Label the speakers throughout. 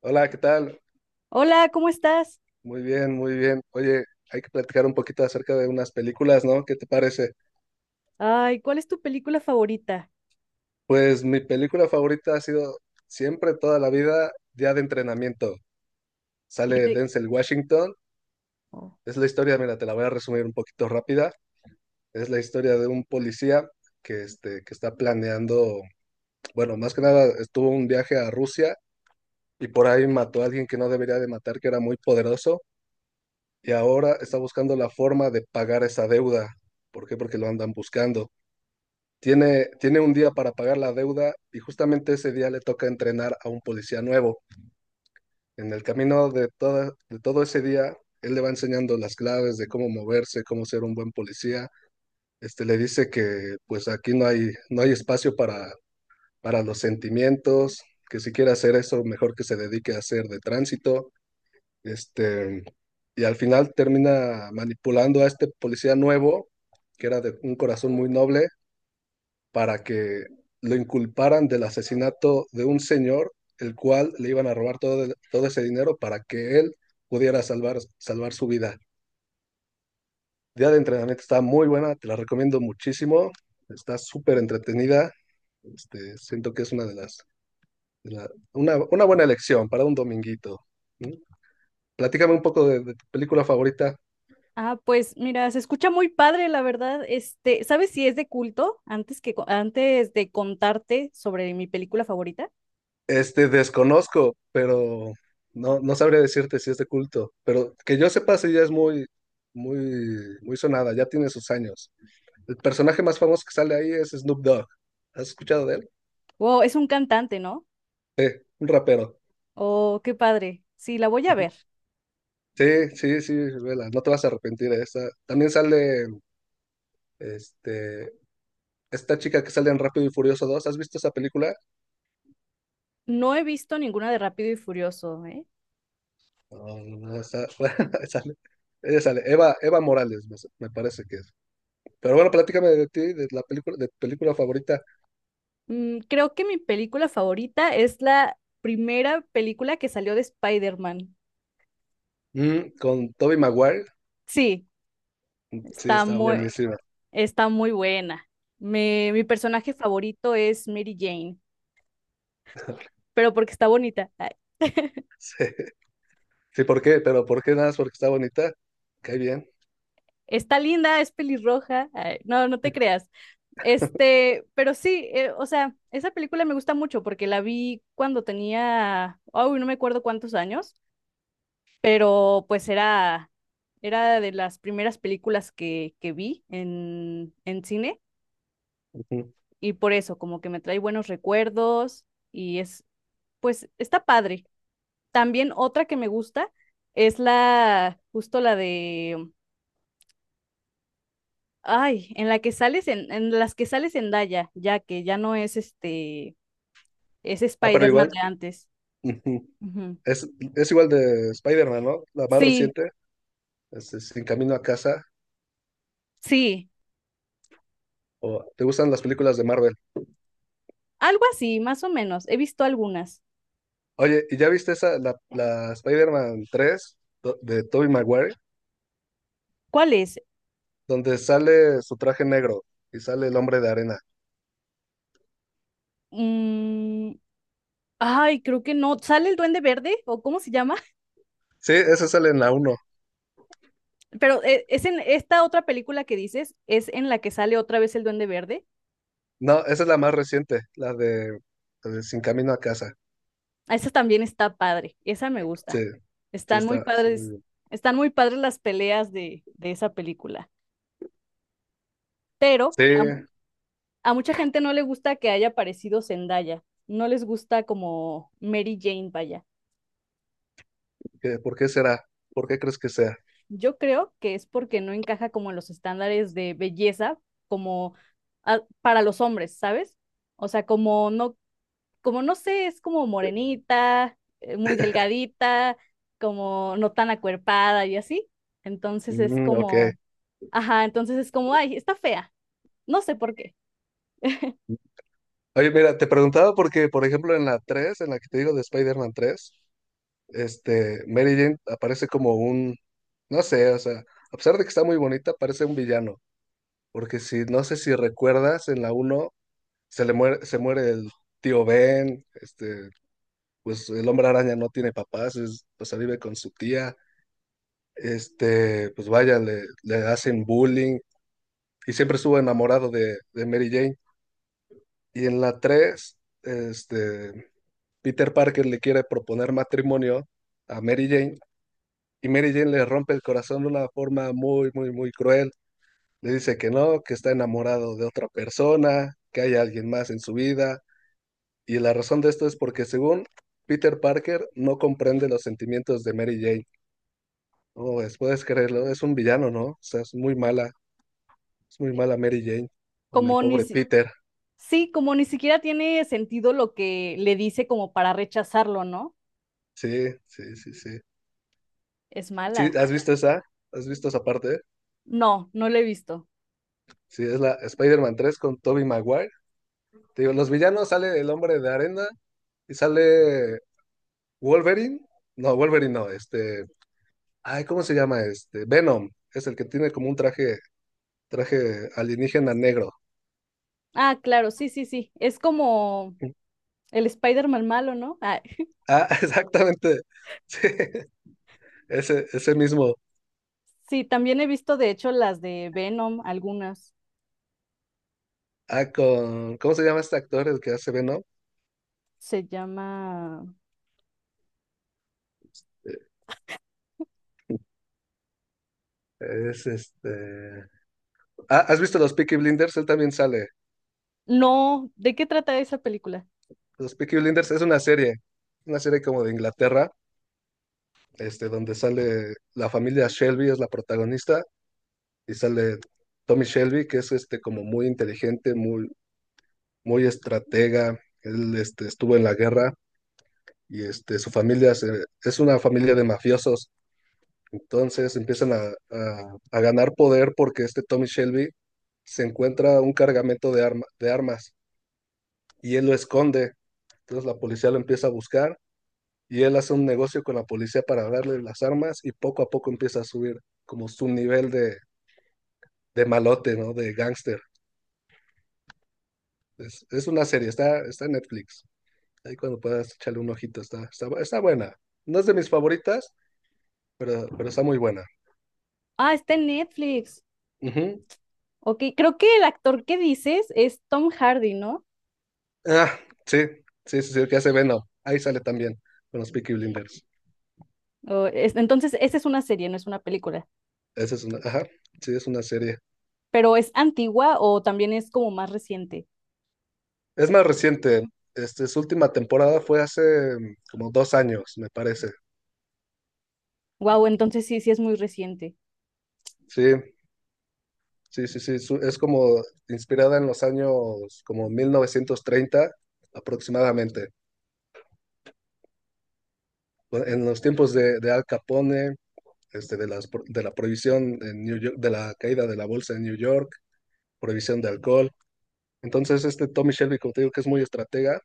Speaker 1: Hola, ¿qué tal?
Speaker 2: Hola, ¿cómo estás?
Speaker 1: Muy bien, muy bien. Oye, hay que platicar un poquito acerca de unas películas, ¿no? ¿Qué te parece?
Speaker 2: Ay, ¿cuál es tu película favorita?
Speaker 1: Pues mi película favorita ha sido siempre, toda la vida, Día de Entrenamiento.
Speaker 2: Y
Speaker 1: Sale
Speaker 2: de...
Speaker 1: Denzel Washington.
Speaker 2: Oh.
Speaker 1: Es la historia, mira, te la voy a resumir un poquito rápida. Es la historia de un policía que, que está planeando, bueno, más que nada estuvo un viaje a Rusia y por ahí mató a alguien que no debería de matar, que era muy poderoso, y ahora está buscando la forma de pagar esa deuda. ¿Por qué? Porque lo andan buscando. Tiene un día para pagar la deuda y justamente ese día le toca entrenar a un policía nuevo. En el camino de, toda, de todo ese día, él le va enseñando las claves de cómo moverse, cómo ser un buen policía. Este le dice que pues aquí no hay espacio para los sentimientos, que si quiere hacer eso, mejor que se dedique a hacer de tránsito. Este, y al final termina manipulando a este policía nuevo, que era de un corazón muy noble, para que lo inculparan del asesinato de un señor, el cual le iban a robar todo, el- todo ese dinero para que él pudiera salvar, salvar su vida. Día de entrenamiento está muy buena, te la recomiendo muchísimo, está súper entretenida, siento que es una de las, de la- una buena elección para un dominguito. Platícame un poco de tu película favorita.
Speaker 2: Ah, pues mira, se escucha muy padre, la verdad. Este, ¿sabes si es de culto? Antes de contarte sobre mi película favorita.
Speaker 1: Desconozco, pero no sabría decirte si es de culto. Pero que yo sepa, sí ya es muy, muy, muy sonada, ya tiene sus años. El personaje más famoso que sale ahí es Snoop Dogg. ¿Has escuchado de él?
Speaker 2: Wow, es un cantante, ¿no?
Speaker 1: Un rapero.
Speaker 2: Oh, qué padre. Sí, la voy a
Speaker 1: Ujú.
Speaker 2: ver.
Speaker 1: Sí, sí, sí, vela, no te vas a arrepentir de esa. También sale, este, esta chica que sale en Rápido y Furioso 2. ¿Has visto esa película?
Speaker 2: No he visto ninguna de Rápido y Furioso, ¿eh?
Speaker 1: No, no, no, esa- sale. Ella sale, Eva, Eva Morales, me parece que es. Pero bueno, platícame de ti, de la película, de tu película favorita.
Speaker 2: Mm, creo que mi película favorita es la primera película que salió de Spider-Man.
Speaker 1: Mm, con Tobey Maguire,
Speaker 2: Sí,
Speaker 1: sí,
Speaker 2: está
Speaker 1: está
Speaker 2: muy,
Speaker 1: buenísima.
Speaker 2: está muy buena. Mi personaje favorito es Mary Jane, pero porque está bonita. Ay,
Speaker 1: Sí. Sí, ¿por qué? Pero ¿por qué? Nada más porque está bonita. Cae bien.
Speaker 2: está linda, es pelirroja. Ay, no, no te creas. Este, pero sí, o sea, esa película me gusta mucho porque la vi cuando tenía, uy, no me acuerdo cuántos años, pero pues era, era de las primeras películas que vi en cine
Speaker 1: Ujú.
Speaker 2: y por eso como que me trae buenos recuerdos y es, pues, está padre. También otra que me gusta es la, justo la de, ay, en la que sales en las que sales en Daya, ya que ya no es es
Speaker 1: Ah, pero
Speaker 2: Spider-Man
Speaker 1: igual.
Speaker 2: de antes.
Speaker 1: Ujú.
Speaker 2: Ujú.
Speaker 1: Es, es igual de Spider-Man, ¿no? La más
Speaker 2: Sí,
Speaker 1: reciente, Sin Camino a Casa.
Speaker 2: sí,
Speaker 1: ¿O te gustan las películas de Marvel?
Speaker 2: algo así, más o menos. He visto algunas.
Speaker 1: Oye, ¿y ya viste esa, la, la Spider-Man 3 do- de Tobey Maguire?
Speaker 2: ¿Cuál es?
Speaker 1: Donde sale su traje negro y sale el hombre de arena.
Speaker 2: Mm, ay, creo que no. ¿Sale el Duende Verde o cómo se llama?
Speaker 1: Sí, esa sale en la uno.
Speaker 2: Pero es en esta otra película que dices, es en la que sale otra vez el Duende Verde.
Speaker 1: No, esa es la más reciente, la de Sin Camino a Casa.
Speaker 2: Esa también está padre, esa me gusta.
Speaker 1: Sí, sí,
Speaker 2: Están muy
Speaker 1: está.
Speaker 2: padres, están muy padres las peleas de esa película. Pero
Speaker 1: Sí,
Speaker 2: a, a mucha gente no le gusta que haya aparecido Zendaya. No les gusta como Mary Jane, vaya.
Speaker 1: ¿qué- ¿por qué será? ¿Por qué crees que sea?
Speaker 2: Yo creo que es porque no encaja como en los estándares de belleza, como para los hombres, ¿sabes? O sea, como no sé, es como morenita, muy delgadita, como no tan acuerpada y así. Entonces es
Speaker 1: Mm, ok.
Speaker 2: como. Ajá, entonces es como, ay, está fea. No sé por qué.
Speaker 1: Oye, mira, te preguntaba porque, por ejemplo, en la 3, en la que te digo de Spider-Man 3, Mary Jane aparece como un, no sé, o sea, a pesar de que está muy bonita, parece un villano. Porque si, no sé si recuerdas, en la uno se le muere, se muere el tío Ben, pues el hombre araña no tiene papás, es- pues ahí vive con su tía, pues vaya, le hacen bullying y siempre estuvo enamorado de Mary Jane. Y en la 3 Peter Parker le quiere proponer matrimonio a Mary Jane y Mary Jane le rompe el corazón de una forma muy, muy, muy cruel. Le dice que no, que está enamorado de otra persona, que hay alguien más en su vida. Y la razón de esto es porque según Peter Parker no comprende los sentimientos de Mary Jane. No, pues, puedes creerlo, es un villano, ¿no? O sea, es muy mala Mary Jane con el
Speaker 2: Como ni
Speaker 1: pobre
Speaker 2: si...
Speaker 1: Peter.
Speaker 2: Sí, como ni siquiera tiene sentido lo que le dice como para rechazarlo, ¿no?
Speaker 1: Sí, sí, sí, sí.
Speaker 2: Es
Speaker 1: ¿Sí?
Speaker 2: mala.
Speaker 1: ¿Has visto esa? ¿Has visto esa parte?
Speaker 2: No, no lo he visto.
Speaker 1: Sí, es la Spider-Man 3 con Tobey Maguire. Te digo, los villanos sale el hombre de arena y sale Wolverine. No, Wolverine no, este. Ay, ¿cómo se llama este? Venom. Es el que tiene como un traje, traje alienígena negro.
Speaker 2: Ah, claro, sí, sí, sí. Es como el Spider-Man malo, ¿no? Ah,
Speaker 1: Ah, exactamente. Sí, ese mismo.
Speaker 2: sí, también he visto de hecho las de Venom, algunas.
Speaker 1: Ah, con. ¿Cómo se llama este actor, el que hace Venom?
Speaker 2: Se llama...
Speaker 1: Es este. Ah, ¿has visto los Peaky Blinders? Él también sale.
Speaker 2: No, ¿de qué trata esa película?
Speaker 1: Los Peaky Blinders es una serie. Una serie como de Inglaterra donde sale la familia Shelby, es la protagonista, y sale Tommy Shelby, que es este como muy inteligente, muy, muy estratega. Él estuvo en la guerra y su familia se- es una familia de mafiosos. Entonces empiezan a ganar poder porque este Tommy Shelby se encuentra un cargamento de, arma- de armas y él lo esconde. Entonces la policía lo empieza a buscar y él hace un negocio con la policía para darle las armas y poco a poco empieza a subir como su nivel de malote, ¿no? De gángster. Es una serie, está en Netflix. Ahí cuando puedas echarle un ojito, está, está, está buena. No es de mis favoritas, pero está muy buena.
Speaker 2: Ah, está en Netflix.
Speaker 1: Ujú.
Speaker 2: Ok, creo que el actor que dices es Tom Hardy, ¿no?
Speaker 1: Ah, sí, sí, sí, sí, el que hace Venom. Ahí sale también con los Peaky Blinders.
Speaker 2: Entonces, esa es una serie, no es una película.
Speaker 1: Esa es una, ajá, sí, es una serie.
Speaker 2: Pero es antigua o también es como más reciente.
Speaker 1: Es más reciente. Su última temporada fue hace como dos años, me parece.
Speaker 2: Wow, entonces sí, sí es muy reciente.
Speaker 1: Sí, sí, sí, sí. Su- es como inspirada en los años como 1930 aproximadamente. Pues, en los tiempos de Al Capone, de las, pro- de la prohibición en New York, de la caída de la bolsa en New York, prohibición de alcohol. Entonces, este Tommy Shelby, como te digo, que es muy estratega,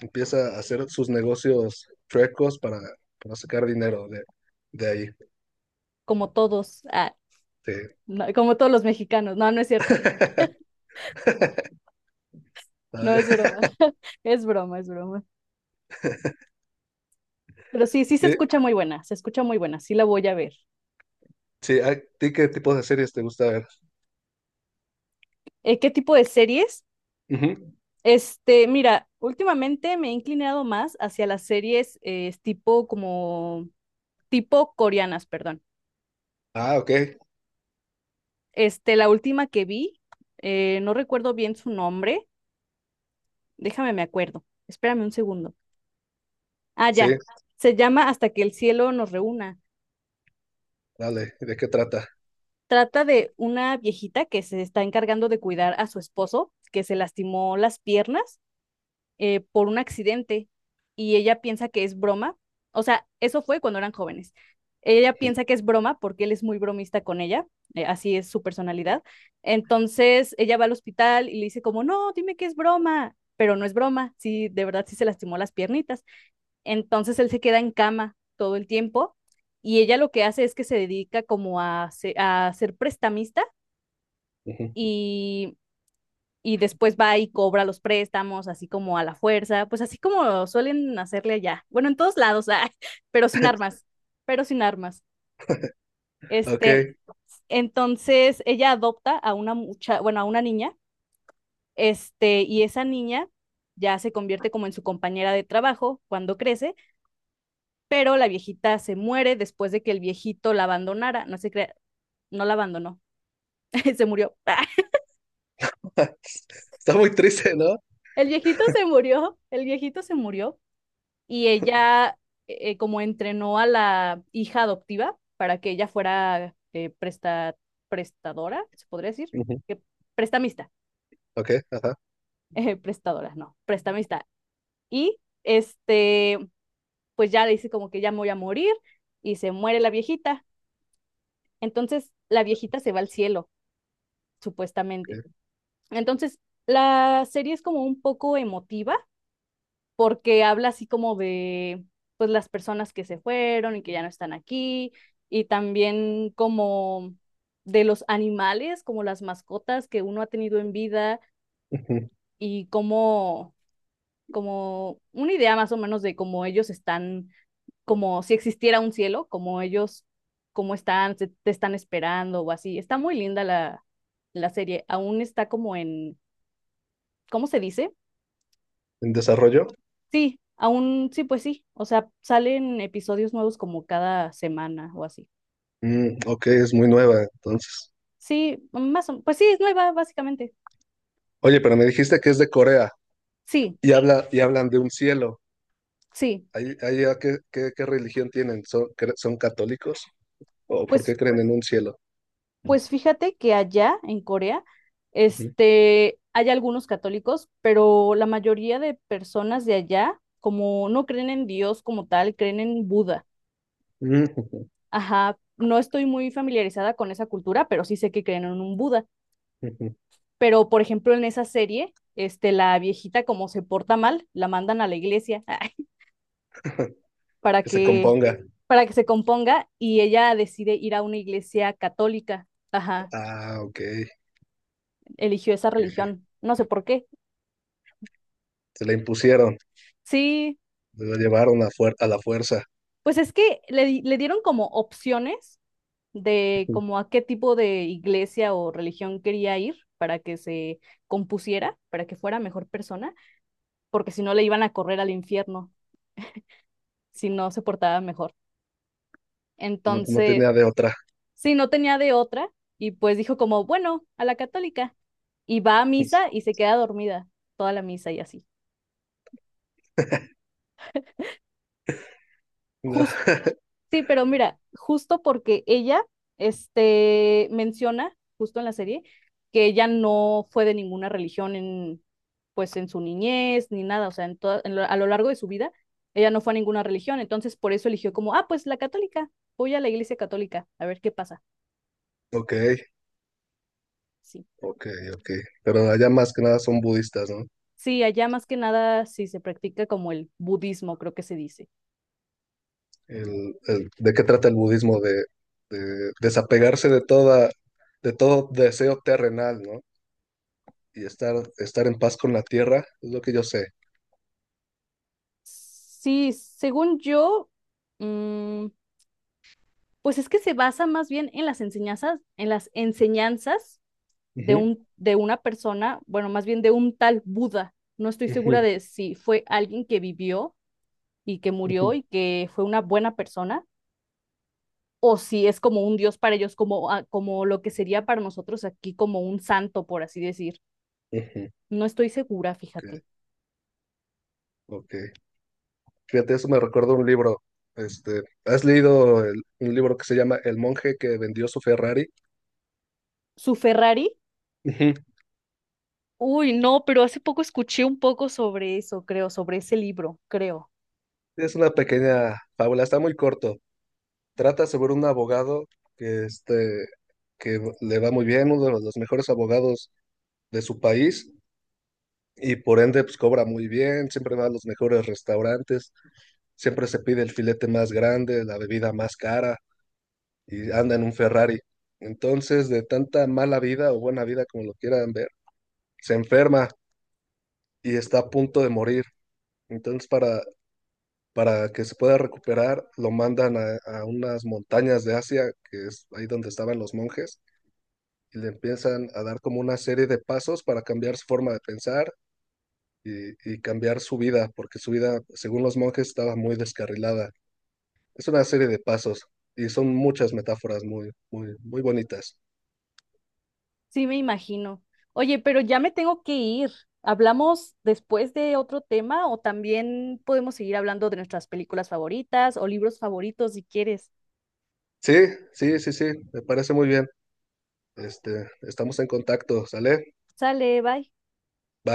Speaker 1: empieza a hacer sus negocios chuecos para sacar dinero de ahí.
Speaker 2: Como todos, ah,
Speaker 1: Sí.
Speaker 2: no, como todos los mexicanos. No, no es cierto. No es
Speaker 1: Ah,
Speaker 2: broma. Es broma, es broma. Pero sí, sí se
Speaker 1: sí,
Speaker 2: escucha muy buena, se escucha muy buena. Sí la voy a ver.
Speaker 1: sí, ¿a ti qué tipo de series te gusta ver?
Speaker 2: ¿Qué tipo de series?
Speaker 1: Ujú.
Speaker 2: Este, mira, últimamente me he inclinado más hacia las series tipo como tipo coreanas, perdón.
Speaker 1: Ah, ok,
Speaker 2: Este, la última que vi, no recuerdo bien su nombre. Déjame, me acuerdo. Espérame un segundo. Ah,
Speaker 1: sí,
Speaker 2: ya. Se llama Hasta que el cielo nos reúna.
Speaker 1: dale, ¿de qué trata?
Speaker 2: Trata de una viejita que se está encargando de cuidar a su esposo, que se lastimó las piernas por un accidente y ella piensa que es broma. O sea, eso fue cuando eran jóvenes. Ella piensa que es broma porque él es muy bromista con ella, así es su personalidad. Entonces ella va al hospital y le dice como, no, dime que es broma, pero no es broma, sí, de verdad sí se lastimó las piernitas. Entonces él se queda en cama todo el tiempo y ella lo que hace es que se dedica a ser prestamista
Speaker 1: Ujú.
Speaker 2: y, y después va y cobra los préstamos, así como a la fuerza, pues así como suelen hacerle allá. Bueno, en todos lados, ah, pero sin armas, pero sin armas.
Speaker 1: Ok,
Speaker 2: Este, entonces ella adopta a una mucha, bueno, a una niña, y esa niña ya se convierte como en su compañera de trabajo cuando crece, pero la viejita se muere después de que el viejito la abandonara, no se crea, no la abandonó, se murió.
Speaker 1: está muy triste, ¿no?
Speaker 2: El viejito se murió, el viejito se murió y ella como entrenó a la hija adoptiva para que ella fuera prestadora, se podría decir,
Speaker 1: Ujú.
Speaker 2: que prestamista,
Speaker 1: Ok, ajá.
Speaker 2: prestadora, no, prestamista. Y este, pues ya le dice como que ya me voy a morir y se muere la viejita. Entonces la viejita se va al cielo, supuestamente.
Speaker 1: Ok.
Speaker 2: Entonces, la serie es como un poco emotiva porque habla así como de pues las personas que se fueron y que ya no están aquí y también como de los animales, como las mascotas que uno ha tenido en vida y como como una idea más o menos de cómo ellos están, como si existiera un cielo, como ellos, te están esperando o así. Está muy linda la, la serie, aún está como en, ¿cómo se dice?
Speaker 1: En desarrollo.
Speaker 2: Sí, aún sí, pues sí. O sea, salen episodios nuevos como cada semana o así.
Speaker 1: Mm, ok, es muy nueva, entonces.
Speaker 2: Sí, más o pues sí, es nueva, básicamente.
Speaker 1: Oye, pero me dijiste que es de Corea
Speaker 2: Sí,
Speaker 1: y habla y hablan de un cielo.
Speaker 2: sí.
Speaker 1: ¿Ahí, ahí a qué, qué- qué religión tienen? ¿Son, cre- son católicos? ¿O por
Speaker 2: Pues,
Speaker 1: qué creen en un cielo?
Speaker 2: pues fíjate que allá en Corea,
Speaker 1: Ujú.
Speaker 2: hay algunos católicos, pero la mayoría de personas de allá, como no creen en Dios como tal, creen en Buda.
Speaker 1: Mm,
Speaker 2: Ajá, no estoy muy familiarizada con esa cultura, pero sí sé que creen en un Buda. Pero, por ejemplo, en esa serie, la viejita como se porta mal, la mandan a la iglesia para
Speaker 1: que se
Speaker 2: que,
Speaker 1: componga.
Speaker 2: para que se componga y ella decide ir a una iglesia católica. Ajá,
Speaker 1: Ah, ok.
Speaker 2: eligió esa religión, no sé por qué.
Speaker 1: Se la impusieron,
Speaker 2: Sí,
Speaker 1: se la llevaron a, fuer- a la fuerza.
Speaker 2: pues es que le, di- le dieron como opciones de
Speaker 1: Ujú.
Speaker 2: como a qué tipo de iglesia o religión quería ir para que se compusiera, para que fuera mejor persona, porque si no le iban a correr al infierno si no se portaba mejor.
Speaker 1: No, no
Speaker 2: Entonces,
Speaker 1: tenía de otra.
Speaker 2: sí, no tenía de otra y pues dijo como, bueno, a la católica. Y va a misa y se queda dormida toda la misa y así.
Speaker 1: No.
Speaker 2: Jus- sí, pero mira, justo porque ella, menciona, justo en la serie, que ella no fue de ninguna religión pues en su niñez ni nada, o sea, en toda- en lo- a lo largo de su vida, ella no fue a ninguna religión, entonces por eso eligió como, ah, pues la católica, voy a la iglesia católica, a ver qué pasa.
Speaker 1: Ok,
Speaker 2: Sí.
Speaker 1: ok, ok. Pero allá más que nada son budistas, ¿no?
Speaker 2: Sí, allá más que nada sí se practica como el budismo, creo que se dice.
Speaker 1: El- el- de qué trata el budismo, de desapegarse de toda, de todo deseo terrenal, ¿no? Y estar, estar en paz con la tierra, es lo que yo sé.
Speaker 2: Sí, según yo, mm, pues es que se basa más bien en las enseñanzas
Speaker 1: Ujú,
Speaker 2: de una persona, bueno, más bien de un tal Buda. No estoy segura
Speaker 1: ujú,
Speaker 2: de si fue alguien que vivió y que murió
Speaker 1: ujú,
Speaker 2: y que fue una buena persona, o si es como un dios para ellos, como, ah, como lo que sería para nosotros aquí como un santo, por así decir.
Speaker 1: ujú.
Speaker 2: No estoy segura,
Speaker 1: Ok,
Speaker 2: fíjate.
Speaker 1: ok. Fíjate, eso me recuerda un libro. ¿Has leído el- un libro que se llama El monje que vendió su Ferrari?
Speaker 2: Su Ferrari.
Speaker 1: Ujú.
Speaker 2: Uy, no, pero hace poco escuché un poco sobre eso, creo, sobre ese libro, creo.
Speaker 1: Es una pequeña fábula, está muy corto. Trata sobre un abogado que, que le va muy bien, uno de los mejores abogados de su país, y por ende pues cobra muy bien, siempre va a los mejores restaurantes, siempre se pide el filete más grande, la bebida más cara y anda en un Ferrari. Entonces, de tanta mala vida o buena vida como lo quieran ver, se enferma y está a punto de morir. Entonces, para que se pueda recuperar, lo mandan a unas montañas de Asia, que es ahí donde estaban los monjes, y le empiezan a dar como una serie de pasos para cambiar su forma de pensar y cambiar su vida, porque su vida, según los monjes, estaba muy descarrilada. Es una serie de pasos y son muchas metáforas muy, muy, muy bonitas.
Speaker 2: Sí, me imagino. Oye, pero ya me tengo que ir. ¿Hablamos después de otro tema o también podemos seguir hablando de nuestras películas favoritas o libros favoritos si quieres?
Speaker 1: Sí, sí, sí, sí, me parece muy bien. Estamos en contacto, ¿sale?
Speaker 2: Sale, bye.
Speaker 1: Va.